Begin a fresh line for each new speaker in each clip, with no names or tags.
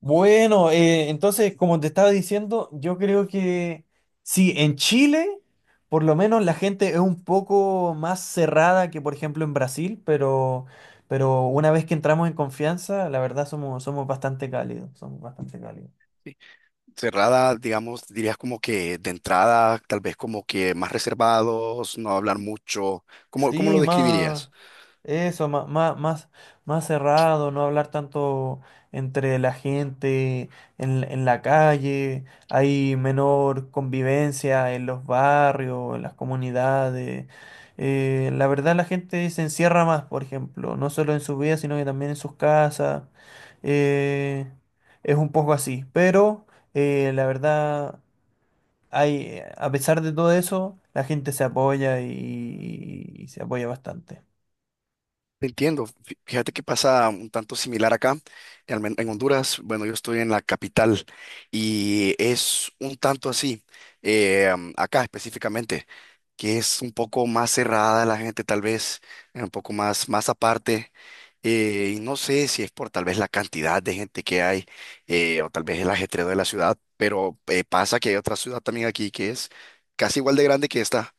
Bueno, entonces, como te estaba diciendo, yo creo que sí, en Chile, por lo menos la gente es un poco más cerrada que, por ejemplo, en Brasil, pero una vez que entramos en confianza, la verdad somos bastante cálidos, somos bastante cálidos.
Sí. Cerrada, digamos, dirías como que de entrada, tal vez como que más reservados, no hablar mucho. ¿Cómo lo
Sí, más
describirías?
eso, más, más, más, más cerrado, no hablar tanto entre la gente en la calle, hay menor convivencia en los barrios, en las comunidades. La verdad la gente se encierra más, por ejemplo, no solo en su vida, sino que también en sus casas. Eh, es un poco así, pero la verdad hay, a pesar de todo eso, la gente se apoya y se apoya bastante.
Entiendo. Fíjate que pasa un tanto similar acá, en Honduras. Bueno, yo estoy en la capital y es un tanto así, acá específicamente, que es un poco más cerrada la gente, tal vez, un poco más, más aparte. Y no sé si es por tal vez la cantidad de gente que hay, o tal vez el ajetreo de la ciudad, pero pasa que hay otra ciudad también aquí que es casi igual de grande que esta,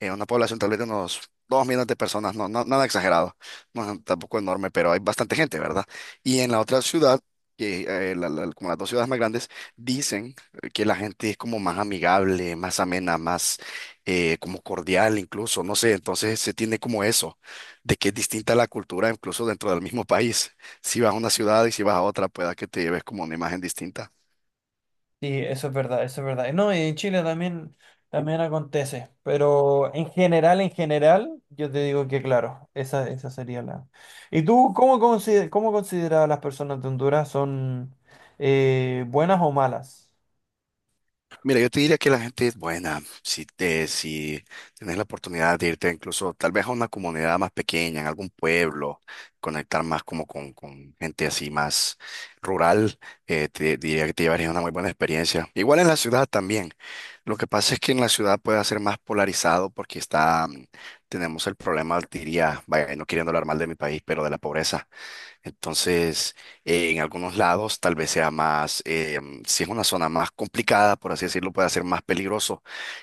una población tal vez de unos 2 millones de personas, nada exagerado, no es tampoco enorme, pero hay bastante gente, ¿verdad? Y en la otra ciudad, que, como las dos ciudades más grandes, dicen que la gente es como más amigable, más amena, más como cordial incluso, no sé, entonces se tiene como eso, de que es distinta la cultura incluso dentro del mismo país. Si vas a una ciudad y si vas a otra, pueda que te lleves como una imagen distinta.
Sí, eso es verdad, eso es verdad. No, y en Chile también acontece, pero en general, yo te digo que claro, esa sería la. ¿Y tú cómo consideras a las personas de Honduras son buenas o malas?
Mira, yo te diría que la gente es buena. Si te, si tienes la oportunidad de irte incluso tal vez a una comunidad más pequeña, en algún pueblo, conectar más como con gente así más rural, te diría que te llevarías una muy buena experiencia. Igual en la ciudad también. Lo que pasa es que en la ciudad puede ser más polarizado porque está, tenemos el problema, diría, vaya, no queriendo hablar mal de mi país, pero de la pobreza. Entonces, en algunos lados tal vez sea más, si es una zona más complicada, por así decirlo, puede ser más peligroso.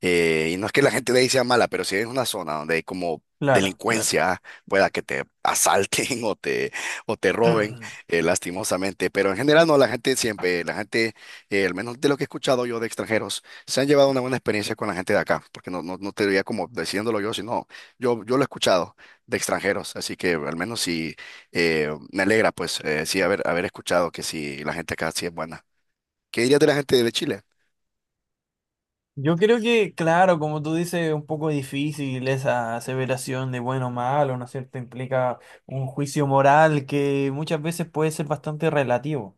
Y no es que la gente de ahí sea mala, pero si es una zona donde hay como
Claro, claro.
delincuencia, pueda que te asalten o te roben, lastimosamente. Pero en general no, la gente siempre, la gente, al menos de lo que he escuchado yo de extranjeros, se han llevado una buena experiencia con la gente de acá, porque no te diría como diciéndolo yo, sino yo lo he escuchado de extranjeros, así que al menos si me alegra, pues, sí, haber escuchado que sí, la gente acá sí es buena. ¿Qué dirías de la gente de Chile?
Yo creo que, claro, como tú dices, es un poco difícil esa aseveración de bueno o malo, ¿no es cierto? Implica un juicio moral que muchas veces puede ser bastante relativo.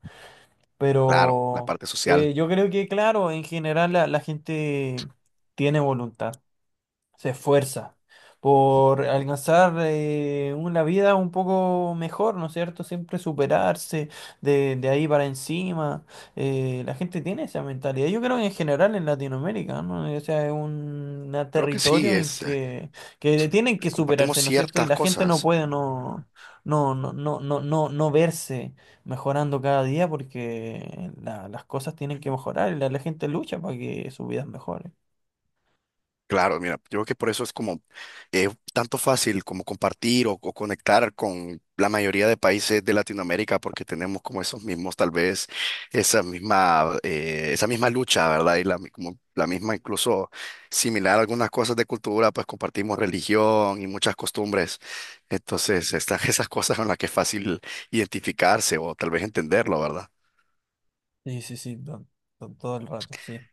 Claro, la
Pero
parte social.
yo creo que, claro, en general la gente tiene voluntad se esfuerza por alcanzar una vida un poco mejor, ¿no es cierto? Siempre superarse de ahí para encima. La gente tiene esa mentalidad. Yo creo que en general en Latinoamérica, ¿no? O sea, es un una
Creo que sí,
territorio en que tienen que
compartimos
superarse, ¿no es cierto? Y
ciertas
la gente no
cosas.
puede no, no verse mejorando cada día porque las cosas tienen que mejorar y la gente lucha para que sus vidas mejoren.
Claro, mira, yo creo que por eso es como eh, tanto fácil como compartir o conectar con la mayoría de países de Latinoamérica, porque tenemos como esos mismos, tal vez, esa misma lucha, ¿verdad? Y la, como la misma, incluso similar a algunas cosas de cultura, pues compartimos religión y muchas costumbres. Entonces, están esas cosas en las que es fácil identificarse o tal vez entenderlo, ¿verdad?
Sí, sí, sí, todo el rato, sí.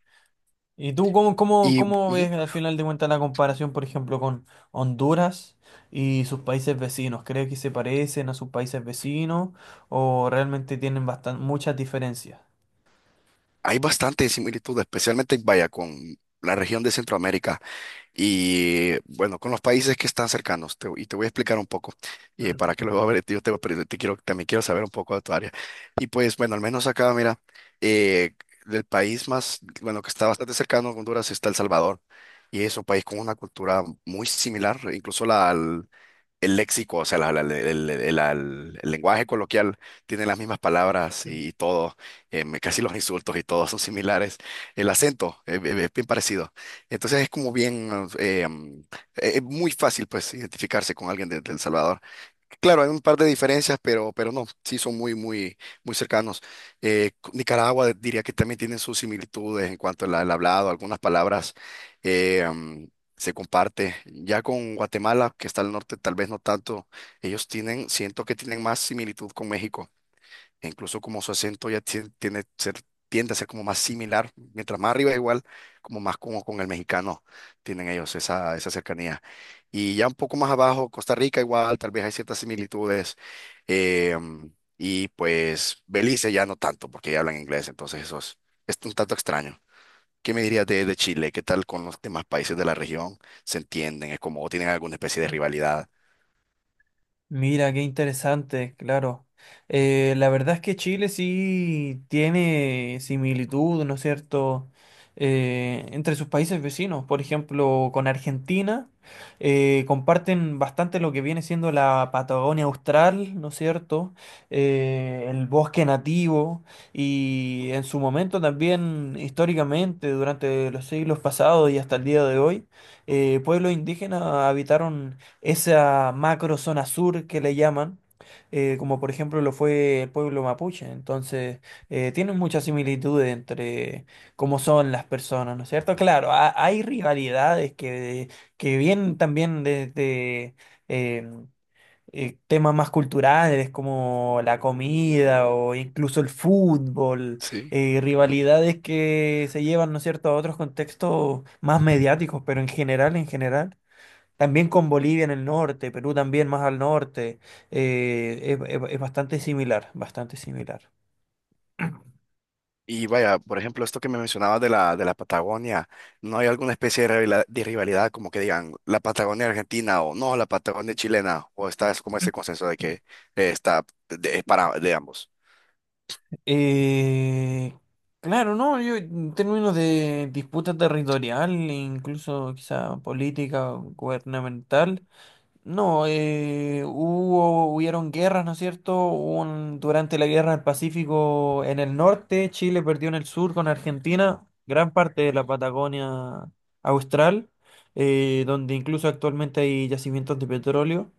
¿Y tú
Y
cómo
ujú,
ves al final de cuentas la comparación, por ejemplo, con Honduras y sus países vecinos? ¿Crees que se parecen a sus países vecinos o realmente tienen muchas diferencias?
hay bastante similitud, especialmente, vaya, con la región de Centroamérica. Y bueno, con los países que están cercanos, y te voy a explicar un poco, y para que luego a ver, pero te quiero, también quiero saber un poco de tu área. Y pues bueno, al menos acá, mira, eh, del país más, bueno, que está bastante cercano a Honduras está El Salvador, y es un país con una cultura muy similar, incluso la, el léxico, o sea, el lenguaje coloquial tiene las mismas palabras y todo, casi los insultos y todo son similares. El acento es, bien parecido. Entonces es como bien, eh, em, es muy fácil pues identificarse con alguien de El Salvador. Claro, hay un par de diferencias, pero no, sí son muy, muy, muy cercanos. Nicaragua diría que también tienen sus similitudes en cuanto al, al hablado, algunas palabras eh, am, se comparte. Ya con Guatemala, que está al norte, tal vez no tanto, ellos tienen, siento que tienen más similitud con México e incluso como su acento ya tiene ser, tiende a ser como más similar, mientras más arriba igual, como más como con el mexicano tienen ellos esa, esa cercanía. Y ya un poco más abajo, Costa Rica igual, tal vez hay ciertas similitudes, eh, y pues Belice ya no tanto, porque ya hablan inglés, entonces eso es un tanto extraño. ¿Qué me dirías de Chile? ¿Qué tal con los demás países de la región? ¿Se entienden? ¿Es como o tienen alguna especie de rivalidad?
Mira, qué interesante, claro. La verdad es que Chile sí tiene similitud, ¿no es cierto?, entre sus países vecinos. Por ejemplo, con Argentina comparten bastante lo que viene siendo la Patagonia Austral, ¿no es cierto?, el bosque nativo y en su momento también históricamente, durante los siglos pasados y hasta el día de hoy, pueblos indígenas habitaron esa macro zona sur que le llaman, como por ejemplo lo fue el pueblo mapuche. Entonces, tienen muchas similitudes entre cómo son las personas, ¿no es cierto? Claro, hay rivalidades que vienen también desde eh, temas más culturales como la comida o incluso el fútbol,
Sí.
rivalidades que se llevan, ¿no es cierto?, a otros contextos más mediáticos, pero en general, en general. También con Bolivia en el norte, Perú también más al norte, es bastante similar, bastante similar.
Y vaya, por ejemplo, esto que me mencionabas de la Patagonia, ¿no hay alguna especie de rivalidad como que digan la Patagonia argentina o no, la Patagonia chilena? ¿O está es como ese consenso de que está es para de ambos?
Eh, claro, no, yo en términos de disputa territorial, e incluso quizá política, o gubernamental, no, hubieron guerras, ¿no es cierto? Hubo durante la guerra del Pacífico en el norte, Chile perdió en el sur con Argentina, gran parte de la Patagonia Austral, donde incluso actualmente hay yacimientos de petróleo.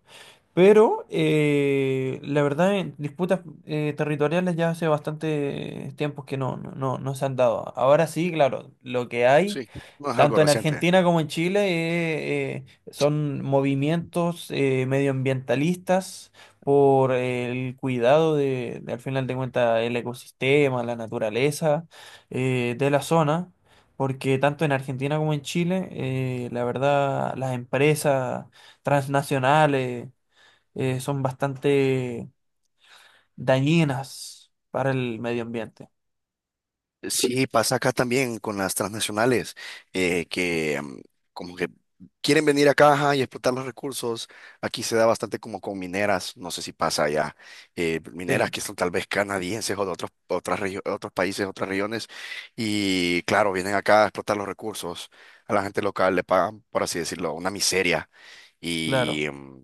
Pero la verdad, en disputas territoriales ya hace bastante tiempo que no, no se han dado. Ahora sí, claro, lo que hay.
Sí, no es algo
Tanto en
reciente.
Argentina como en Chile eh, son movimientos medioambientalistas por el cuidado de, al final de cuentas, el ecosistema, la naturaleza de la zona, porque tanto en Argentina como en Chile, la verdad, las empresas transnacionales son bastante dañinas para el medio ambiente.
Sí, pasa acá también con las transnacionales, eh, que mm, como que quieren venir acá ajá, y explotar los recursos. Aquí se da bastante como con mineras, no sé si pasa allá, mineras
Sí,
que son tal vez canadienses o de otros, otros países, otras regiones, y claro, vienen acá a explotar los recursos. A la gente local le pagan, por así decirlo, una miseria
claro.
y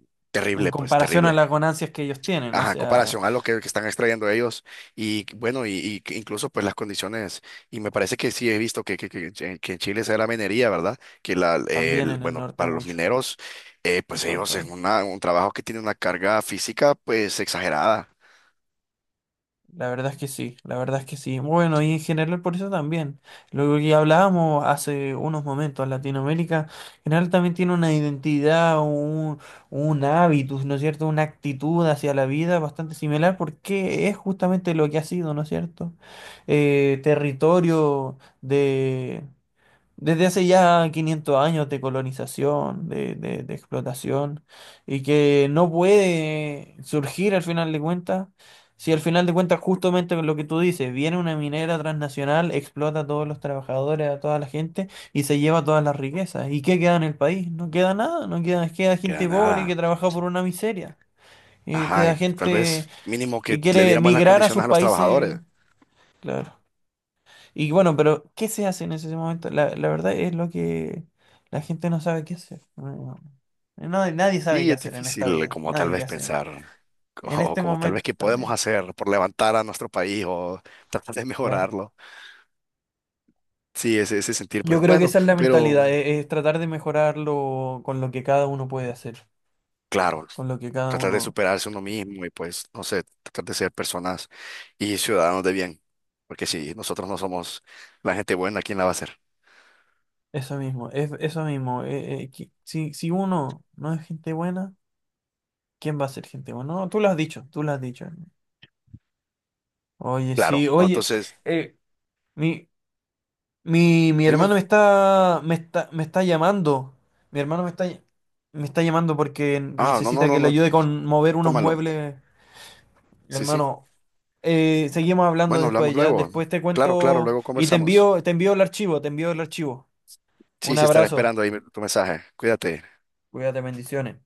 En
terrible, pues
comparación a
terrible.
las ganancias que ellos tienen, o
Ajá,
sea.
comparación a lo que están extrayendo ellos y bueno, y que incluso pues las condiciones, y me parece que sí he visto que, que en Chile se da la minería, ¿verdad? Que la,
También en el
bueno,
norte
para los
mucho,
mineros,
en
pues
todo el
ellos
país.
en una, un trabajo que tiene una carga física pues exagerada,
La verdad es que sí, la verdad es que sí. Bueno, y en general por eso también. Lo que hablábamos hace unos momentos, Latinoamérica en general también tiene una identidad, un hábitus, ¿no es cierto? Una actitud hacia la vida bastante similar porque es justamente lo que ha sido, ¿no es cierto? Territorio desde hace ya 500 años de colonización, de explotación, y que no puede surgir al final de cuentas, si al final de cuentas justamente lo que tú dices, viene una minera transnacional, explota a todos los trabajadores, a toda la gente, y se lleva todas las riquezas. ¿Y qué queda en el país? No queda nada, no queda, queda
que da
gente pobre que
nada,
trabaja por una miseria, y
ajá,
queda
y tal
gente
vez mínimo que
que
le
quiere
dieran buenas
emigrar a
condiciones
sus
a los
países,
trabajadores.
claro. Y bueno, pero ¿qué se hace en ese momento? La verdad es lo que la gente no sabe qué hacer. Nadie sabe
Sí
qué
es
hacer en esta
difícil
vida.
como tal
Nadie qué
vez
hacer.
pensar,
En
o
este
como tal vez
momento
qué podemos
también,
hacer por levantar a nuestro país o tratar de
claro.
mejorarlo. Sí, ese sentir,
Yo
pues
creo que
bueno,
esa es la mentalidad,
pero
es, tratar de mejorarlo con lo que cada uno puede hacer,
claro,
con lo que cada
tratar de
uno,
superarse uno mismo y pues, no sé, tratar de ser personas y ciudadanos de bien, porque si nosotros no somos la gente buena, ¿quién la va a ser?
eso mismo, es eso mismo. Si uno no es gente buena, ¿quién va a ser gente buena? No, tú lo has dicho, tú lo has dicho. Oye, sí,
Claro, no,
oye,
entonces,
eh, mi, mi
dime,
hermano me está, me está llamando. Mi hermano me está llamando porque
ah, no, no,
necesita que
no,
le
no,
ayude con mover unos
tómalo,
muebles.
sí, sí,
Hermano, seguimos hablando
bueno, hablamos
después ya.
luego,
Después te
claro, claro,
cuento
luego
y
conversamos,
te envío el archivo, te envío el archivo.
sí,
Un
sí, estaré
abrazo.
esperando ahí tu mensaje, cuídate.
Cuídate, bendiciones.